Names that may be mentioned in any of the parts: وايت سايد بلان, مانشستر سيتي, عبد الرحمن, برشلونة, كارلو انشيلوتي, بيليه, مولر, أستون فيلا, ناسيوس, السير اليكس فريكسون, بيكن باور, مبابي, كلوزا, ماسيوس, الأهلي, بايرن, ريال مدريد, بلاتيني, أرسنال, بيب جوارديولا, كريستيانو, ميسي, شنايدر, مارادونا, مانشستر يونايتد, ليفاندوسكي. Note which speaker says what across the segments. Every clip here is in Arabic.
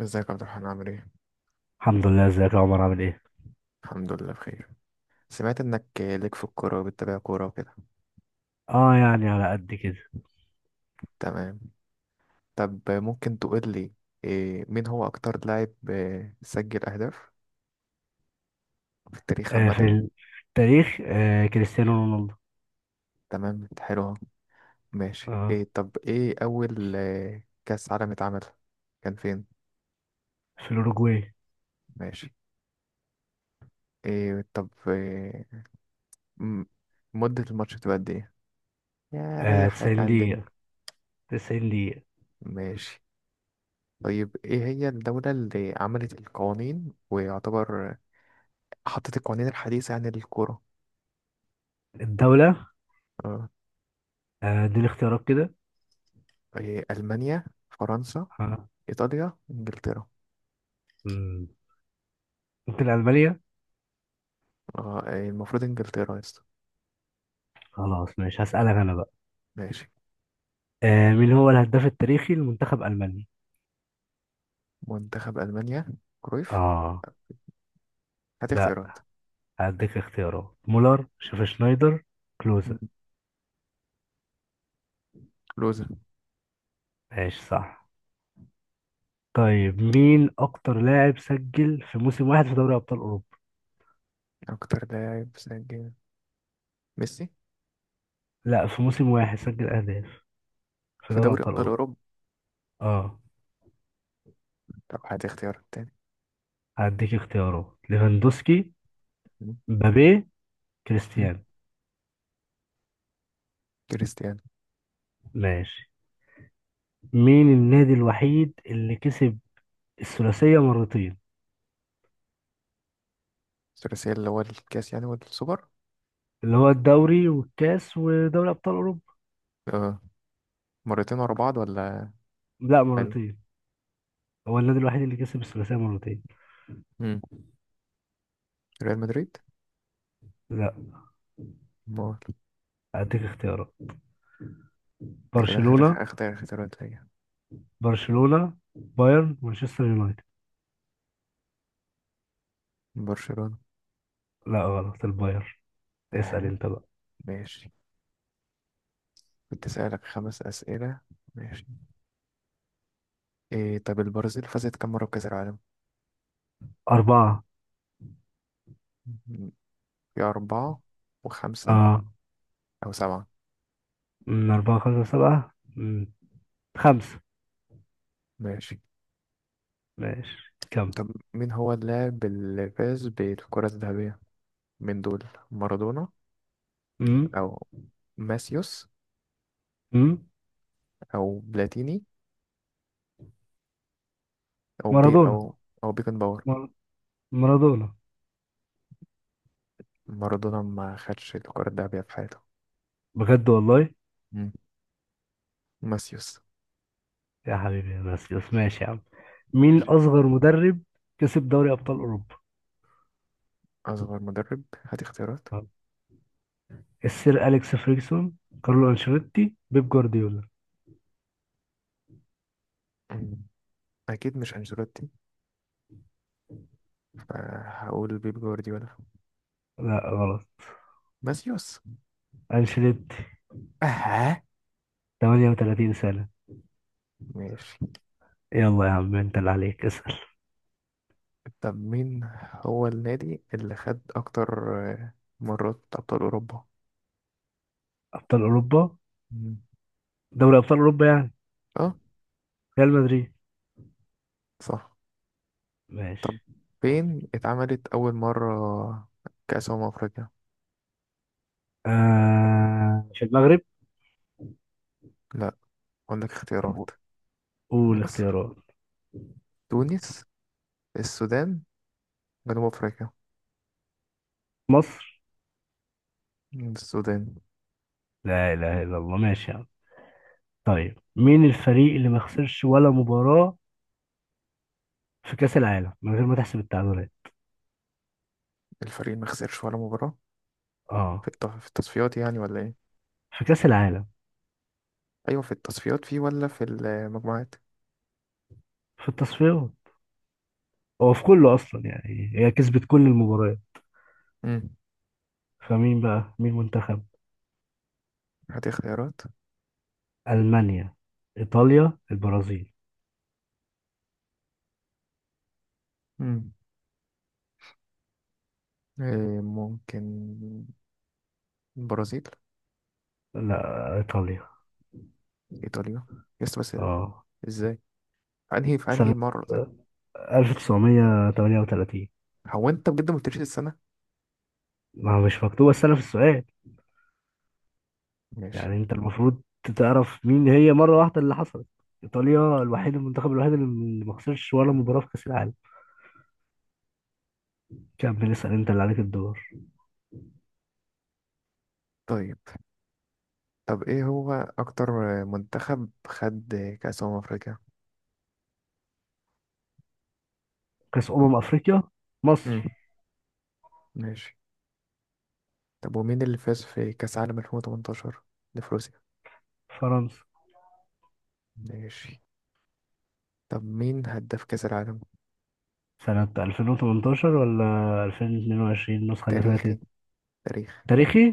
Speaker 1: ازيك يا عبد الرحمن عامل ايه؟
Speaker 2: الحمد لله. ازيك يا عمر عامل ايه؟
Speaker 1: الحمد لله بخير. سمعت انك ليك في الكورة وبتتابع كورة وكده.
Speaker 2: اه، يعني على قد كده.
Speaker 1: تمام. طب ممكن تقول لي إيه، مين هو اكتر لاعب إيه، سجل اهداف في التاريخ
Speaker 2: آه، في
Speaker 1: عامة؟
Speaker 2: التاريخ كريستيانو رونالدو.
Speaker 1: تمام حلو أهو. ماشي،
Speaker 2: اه،
Speaker 1: إيه طب ايه اول كأس عالم اتعمل، كان فين؟
Speaker 2: في الأوروجواي.
Speaker 1: ماشي، إيه طب إيه م- مدة الماتش بتبقى قد ايه؟ يا
Speaker 2: آه،
Speaker 1: ريح لك
Speaker 2: 90
Speaker 1: عن الدنيا.
Speaker 2: دقيقة، 90 دقيقة.
Speaker 1: ماشي. طيب ايه هي الدولة اللي عملت القوانين ويعتبر حطت القوانين الحديثة يعني للكورة؟
Speaker 2: الدولة؟
Speaker 1: آه.
Speaker 2: دي الاختيارات كده؟
Speaker 1: آه، إيه، ألمانيا، فرنسا،
Speaker 2: اه
Speaker 1: إيطاليا، إنجلترا؟
Speaker 2: مم. ممكن ألمانيا.
Speaker 1: آه. إيه، المفروض إنجلترا يا اسطى.
Speaker 2: خلاص، ماشي، هسألك أنا بقى.
Speaker 1: ماشي.
Speaker 2: مين هو الهداف التاريخي لمنتخب ألمانيا؟
Speaker 1: منتخب ألمانيا؟ كرويف.
Speaker 2: اه،
Speaker 1: هات
Speaker 2: لا.
Speaker 1: اختيارات.
Speaker 2: هديك اختيارات: مولر، شيف، شنايدر،
Speaker 1: مم.
Speaker 2: كلوزا.
Speaker 1: لوزة.
Speaker 2: ماشي، صح. طيب، مين أكتر لاعب سجل في موسم واحد في دوري أبطال أوروبا؟
Speaker 1: أكتر لاعب سجل ميسي
Speaker 2: لا، في موسم واحد سجل أهداف في
Speaker 1: في
Speaker 2: دوري
Speaker 1: دوري
Speaker 2: أبطال
Speaker 1: أبطال
Speaker 2: أوروبا.
Speaker 1: أوروبا.
Speaker 2: اه،
Speaker 1: طب هات اختيارات تاني.
Speaker 2: هديك اختيارات: ليفاندوسكي،
Speaker 1: مم.
Speaker 2: مبابي،
Speaker 1: مم.
Speaker 2: كريستيانو.
Speaker 1: كريستيانو.
Speaker 2: ماشي. مين النادي الوحيد اللي كسب الثلاثية مرتين؟
Speaker 1: الثلاثية اللي هو الكاس يعني والسوبر؟
Speaker 2: اللي هو الدوري والكاس ودوري أبطال أوروبا.
Speaker 1: آه. مرتين ورا بعض ولا؟
Speaker 2: لا،
Speaker 1: عادي.
Speaker 2: مرتين. هو النادي الوحيد اللي كسب الثلاثية مرتين.
Speaker 1: مم. ريال مدريد.
Speaker 2: لا،
Speaker 1: مول.
Speaker 2: هديك اختيارات:
Speaker 1: ده كده آخر
Speaker 2: برشلونة،
Speaker 1: آخر اختيارات ليا.
Speaker 2: برشلونة، بايرن، مانشستر يونايتد.
Speaker 1: برشلونة.
Speaker 2: لا، غلط، البايرن. اسأل
Speaker 1: أها.
Speaker 2: انت بقى.
Speaker 1: ماشي. كنت أسألك خمس أسئلة. ماشي. إيه طب البرازيل فازت كم مرة بكأس العالم؟
Speaker 2: أربعة.
Speaker 1: م- في أربعة، وخمسة،
Speaker 2: اه.
Speaker 1: أو سبعة؟
Speaker 2: أربعة، خمسة، سبعة، خمسة.
Speaker 1: ماشي.
Speaker 2: ماشي، كم؟
Speaker 1: طب مين هو اللاعب اللي فاز بالكرة الذهبية من دول؟ مارادونا،
Speaker 2: امم
Speaker 1: أو ماسيوس،
Speaker 2: امم
Speaker 1: أو بلاتيني، أو بي
Speaker 2: مارادونا.
Speaker 1: أو، أو بيكن باور؟
Speaker 2: مار- مارادونا.
Speaker 1: مارادونا ما خدش الكرة الذهبية في حياته.
Speaker 2: بجد والله؟
Speaker 1: مم. ماسيوس.
Speaker 2: يا حبيبي يا ناسيوس، ماشي يا عم. مين
Speaker 1: ماشي.
Speaker 2: اصغر مدرب كسب دوري ابطال اوروبا؟
Speaker 1: أصغر مدرب، هات اختيارات.
Speaker 2: السير اليكس فريكسون، كارلو انشيلوتي، بيب جوارديولا.
Speaker 1: مم. أكيد مش أنشيلوتي، فهقول بيب جوارديولا.
Speaker 2: لا، غلط،
Speaker 1: ماسيوس.
Speaker 2: انشيلوتي.
Speaker 1: اه.
Speaker 2: 38 سنة.
Speaker 1: ماشي.
Speaker 2: يلا يا عم، انت اللي عليك اسأل.
Speaker 1: طب مين هو النادي اللي خد اكتر مرات ابطال اوروبا؟
Speaker 2: ابطال اوروبا.
Speaker 1: مم.
Speaker 2: دوري ابطال اوروبا يعني.
Speaker 1: اه
Speaker 2: ريال مدريد.
Speaker 1: صح. طب
Speaker 2: ماشي.
Speaker 1: فين اتعملت اول مرة كأس أمم أفريقيا؟
Speaker 2: آه، في المغرب.
Speaker 1: لا، اقول لك
Speaker 2: طب،
Speaker 1: اختيارات.
Speaker 2: قول
Speaker 1: مصر،
Speaker 2: اختيارات.
Speaker 1: تونس، السودان، جنوب أفريقيا؟
Speaker 2: مصر.
Speaker 1: السودان.
Speaker 2: لا إله إلا الله، ماشي يا عم. طيب، مين الفريق اللي ما خسرش ولا مباراة في كأس العالم من غير ما تحسب التعادلات؟
Speaker 1: الفريق ما خسرش ولا مباراة؟ في
Speaker 2: اه،
Speaker 1: في التصفيات يعني ولا ايه؟
Speaker 2: في كأس العالم.
Speaker 1: ايوه في التصفيات فيه ولا في المجموعات؟
Speaker 2: في التصفيات. هو في كله أصلا، يعني هي كسبت كل المباريات.
Speaker 1: امم.
Speaker 2: فمين بقى؟ مين منتخب؟
Speaker 1: هاتي اختيارات.
Speaker 2: ألمانيا، إيطاليا، البرازيل.
Speaker 1: مم. إيه ممكن البرازيل.
Speaker 2: لا، إيطاليا.
Speaker 1: ايطاليا، يس بس.
Speaker 2: اه،
Speaker 1: ازاي؟ في انهي
Speaker 2: سنة
Speaker 1: مره طيب؟
Speaker 2: 1938.
Speaker 1: هو انت بجد ما قلتليش السنه.
Speaker 2: ما هو مش مكتوبة السنة في السؤال.
Speaker 1: ماشي.
Speaker 2: يعني انت المفروض تعرف مين هي مره واحده اللي حصلت. ايطاليا الوحيد، المنتخب الوحيد اللي ما خسرش ولا مباراه في كاس العالم. كمل، اسال، انت اللي عليك الدور.
Speaker 1: طيب. طب ايه هو اكتر منتخب خد كاس افريقيا؟
Speaker 2: كاس افريقيا. مصر.
Speaker 1: امم. ماشي. طب ومين اللي فاز في كاس عالم 2018 لفروسيا؟
Speaker 2: فرنسا.
Speaker 1: ماشي. طب مين هداف كاس العالم
Speaker 2: سنه 2018 ولا 2022 النسخه اللي
Speaker 1: تاريخي؟
Speaker 2: فاتت؟
Speaker 1: تاريخ.
Speaker 2: تاريخي.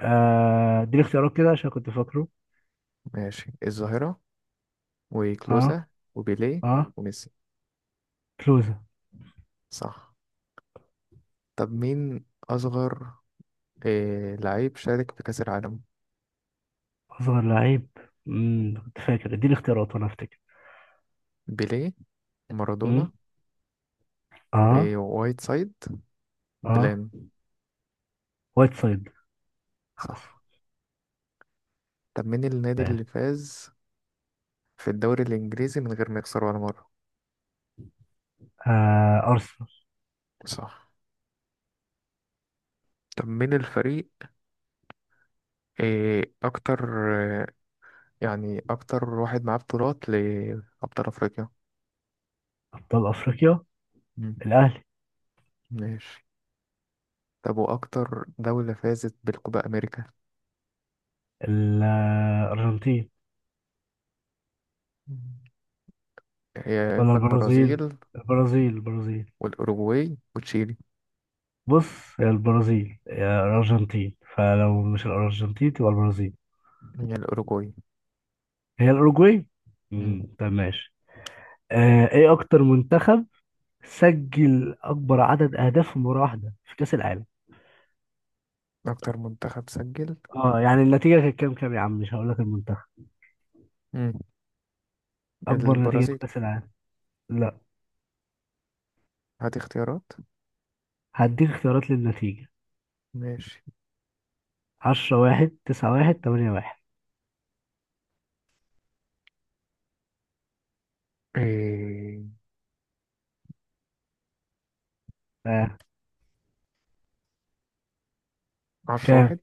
Speaker 2: اديني اختيارات كده عشان كنت فاكره.
Speaker 1: ماشي الظاهره،
Speaker 2: اه.
Speaker 1: وكلوزا، وبيليه،
Speaker 2: اه.
Speaker 1: وميسي؟
Speaker 2: كلوزا.
Speaker 1: صح. طب مين اصغر إيه لعيب شارك في كاس العالم؟
Speaker 2: اصغر لعيب. كنت فاكر، اديني اختيارات وانا افتكر.
Speaker 1: بيليه، مارادونا،
Speaker 2: امم.
Speaker 1: إيه
Speaker 2: اه.
Speaker 1: وايت سايد،
Speaker 2: اه،
Speaker 1: بلان؟
Speaker 2: وايت سايد. خلاص.
Speaker 1: صح. طب مين النادي
Speaker 2: ماشي.
Speaker 1: اللي فاز في الدوري الإنجليزي من غير ما يخسر ولا مرة؟
Speaker 2: آه، ارسنال.
Speaker 1: صح. طب مين الفريق، إيه أكتر آه، يعني أكتر واحد معاه بطولات لأبطال أفريقيا؟
Speaker 2: أبطال أفريقيا.
Speaker 1: مم.
Speaker 2: الأهلي.
Speaker 1: ماشي. طب وأكتر دولة فازت بالكوبا أمريكا؟
Speaker 2: الأرجنتين
Speaker 1: مم. يا
Speaker 2: ولا
Speaker 1: إما
Speaker 2: البرازيل،
Speaker 1: البرازيل،
Speaker 2: البرازيل، البرازيل.
Speaker 1: والأوروغواي، وتشيلي.
Speaker 2: بص، يا البرازيل يا الأرجنتين، فلو مش الأرجنتين تبقى البرازيل.
Speaker 1: هي الأوروغواي.
Speaker 2: هي الأوروجواي.
Speaker 1: مم.
Speaker 2: طب، ماشي. إيه أكتر منتخب سجل أكبر عدد أهداف في مباراة واحدة في كأس العالم؟
Speaker 1: أكتر منتخب سجل.
Speaker 2: يعني النتيجة كانت كام، كام يا عم؟ مش هقول لك المنتخب.
Speaker 1: مم.
Speaker 2: أكبر نتيجة في
Speaker 1: البرازيل.
Speaker 2: كأس العالم. لا،
Speaker 1: هات اختيارات.
Speaker 2: هديك اختيارات للنتيجة:
Speaker 1: ماشي.
Speaker 2: 10 1، 9 1، 8 1.
Speaker 1: إيه
Speaker 2: آه.
Speaker 1: عشرة
Speaker 2: كام؟
Speaker 1: واحد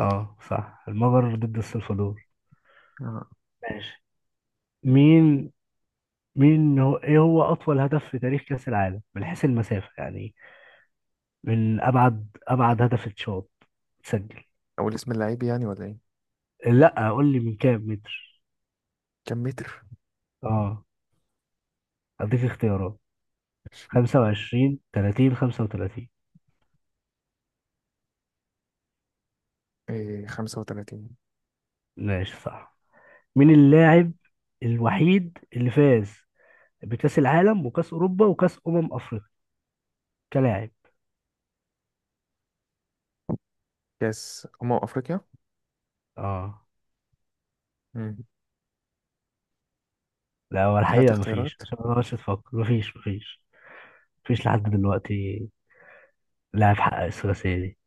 Speaker 2: اه، صح، المجر ضد السلفادور.
Speaker 1: آه.
Speaker 2: ماشي. مم. مين مين هو، ايه هو اطول هدف في تاريخ كأس العالم من حيث المسافة يعني. من ابعد، ابعد هدف اتشاط، تسجل.
Speaker 1: أول اسم اللعيب يعني ولا إيه؟
Speaker 2: لا، قول لي من كام متر.
Speaker 1: كم متر؟
Speaker 2: اه، اديك اختيارات: 25، 30، 35.
Speaker 1: إيه 35.
Speaker 2: ماشي، صح. مين اللاعب الوحيد اللي فاز بكأس العالم وكأس اوروبا وكأس افريقيا كلاعب؟
Speaker 1: كأس أمم أفريقيا.
Speaker 2: اه.
Speaker 1: مم.
Speaker 2: لا، هو
Speaker 1: هات
Speaker 2: الحقيقة مفيش،
Speaker 1: اختيارات.
Speaker 2: عشان ما اقعدش تفكر، مفيش، مفيش. مفيش لحد دلوقتي لاعب حقق الثلاثية دي.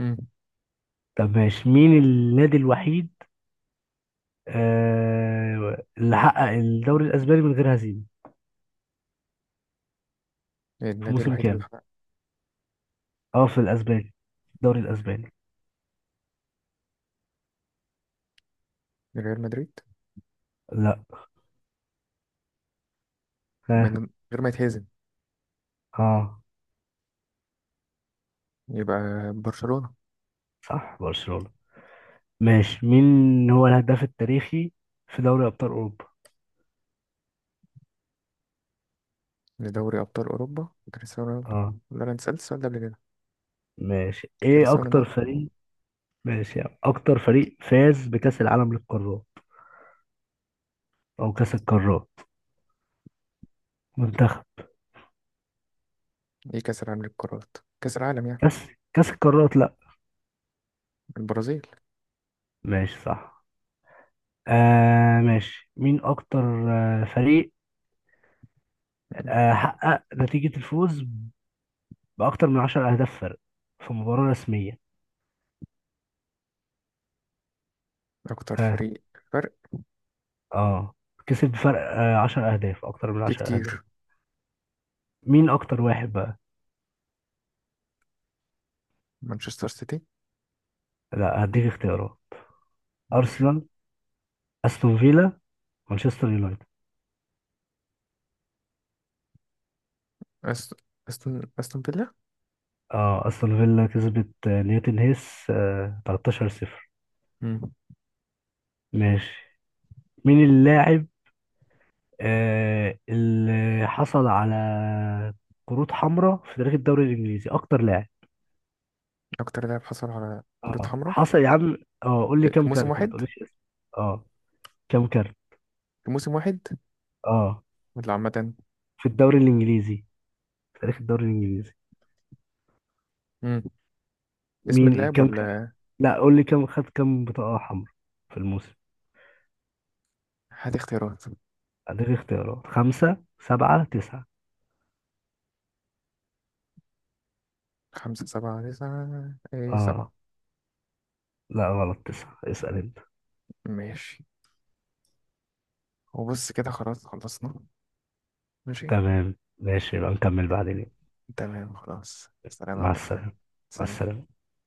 Speaker 1: مم.
Speaker 2: طب، ماشي. مين النادي الوحيد اللي حقق الدوري الأسباني من غير هزيمة؟ في
Speaker 1: النادي
Speaker 2: موسم
Speaker 1: الوحيد اللي
Speaker 2: كام؟
Speaker 1: حقق.
Speaker 2: اه، في الأسباني، الدوري الأسباني.
Speaker 1: ريال مدريد.
Speaker 2: لا.
Speaker 1: من
Speaker 2: ها؟
Speaker 1: غير ما يتهزم،
Speaker 2: اه،
Speaker 1: يبقى برشلونة.
Speaker 2: صح، برشلونة. ماشي. مين هو الهداف التاريخي في دوري أبطال أوروبا؟
Speaker 1: لدوري أبطال أوروبا، كريستيانو رونالدو.
Speaker 2: اه.
Speaker 1: ولا أنا اتسألت السؤال ده قبل كده؟
Speaker 2: ماشي. ايه
Speaker 1: كريستيانو
Speaker 2: أكتر
Speaker 1: رونالدو.
Speaker 2: فريق؟ ماشي، يعني أكتر فريق فاز بكأس العالم للقارات، أو كأس القارات منتخب.
Speaker 1: إيه كأس العالم للقارات، كأس العالم يعني؟
Speaker 2: كأس القارات، لا.
Speaker 1: البرازيل.
Speaker 2: ماشي، صح. ماشي. مين أكتر فريق
Speaker 1: مم.
Speaker 2: حقق نتيجة الفوز بأكتر من عشر أهداف فرق في مباراة رسمية؟
Speaker 1: أكتر
Speaker 2: ها؟
Speaker 1: فريق، فرق.
Speaker 2: اه. كسب بفرق عشر أهداف، أكتر من
Speaker 1: في
Speaker 2: عشر أهداف.
Speaker 1: كتير.
Speaker 2: مين أكتر واحد بقى؟
Speaker 1: مانشستر سيتي.
Speaker 2: لا، هديك اختيارات:
Speaker 1: ماشي.
Speaker 2: أرسنال، أستون فيلا، مانشستر يونايتد.
Speaker 1: أس- أستون فيلا.
Speaker 2: اه، أستون فيلا كسبت نيوتن هيس 13-0. ماشي. مين اللاعب اللي حصل على كروت حمراء في تاريخ الدوري الإنجليزي، أكتر لاعب؟
Speaker 1: اكتر لاعب حصل على كرة
Speaker 2: اه،
Speaker 1: حمراء.
Speaker 2: حصل يا عم. اه، قول لي
Speaker 1: في
Speaker 2: كام
Speaker 1: موسم
Speaker 2: كارت، ما
Speaker 1: واحد.
Speaker 2: تقوليش اسم. اه. كام كارت؟
Speaker 1: في موسم واحد
Speaker 2: اه.
Speaker 1: ولا عامة؟
Speaker 2: في الدوري الانجليزي، في تاريخ الدوري الانجليزي.
Speaker 1: امم. اسم
Speaker 2: مين
Speaker 1: اللاعب
Speaker 2: كام كارت؟
Speaker 1: ولا؟
Speaker 2: لا، قول لي كام خد، كام بطاقة حمراء في الموسم.
Speaker 1: هات اختيارات،
Speaker 2: اديك اختيارات: خمسة، سبعة، تسعة.
Speaker 1: خمسة، سبعة، تسعة؟ ايه
Speaker 2: اه،
Speaker 1: سبعة.
Speaker 2: لا، غلط، تسعة، اسأل انت.
Speaker 1: ماشي. وبص كده خلاص خلصنا. ماشي.
Speaker 2: تمام، ماشي، يبقى نكمل بعدين.
Speaker 1: تمام خلاص، سلام يا
Speaker 2: مع
Speaker 1: عبد الرحمن.
Speaker 2: السلامة. مع
Speaker 1: سلام.
Speaker 2: السلامة.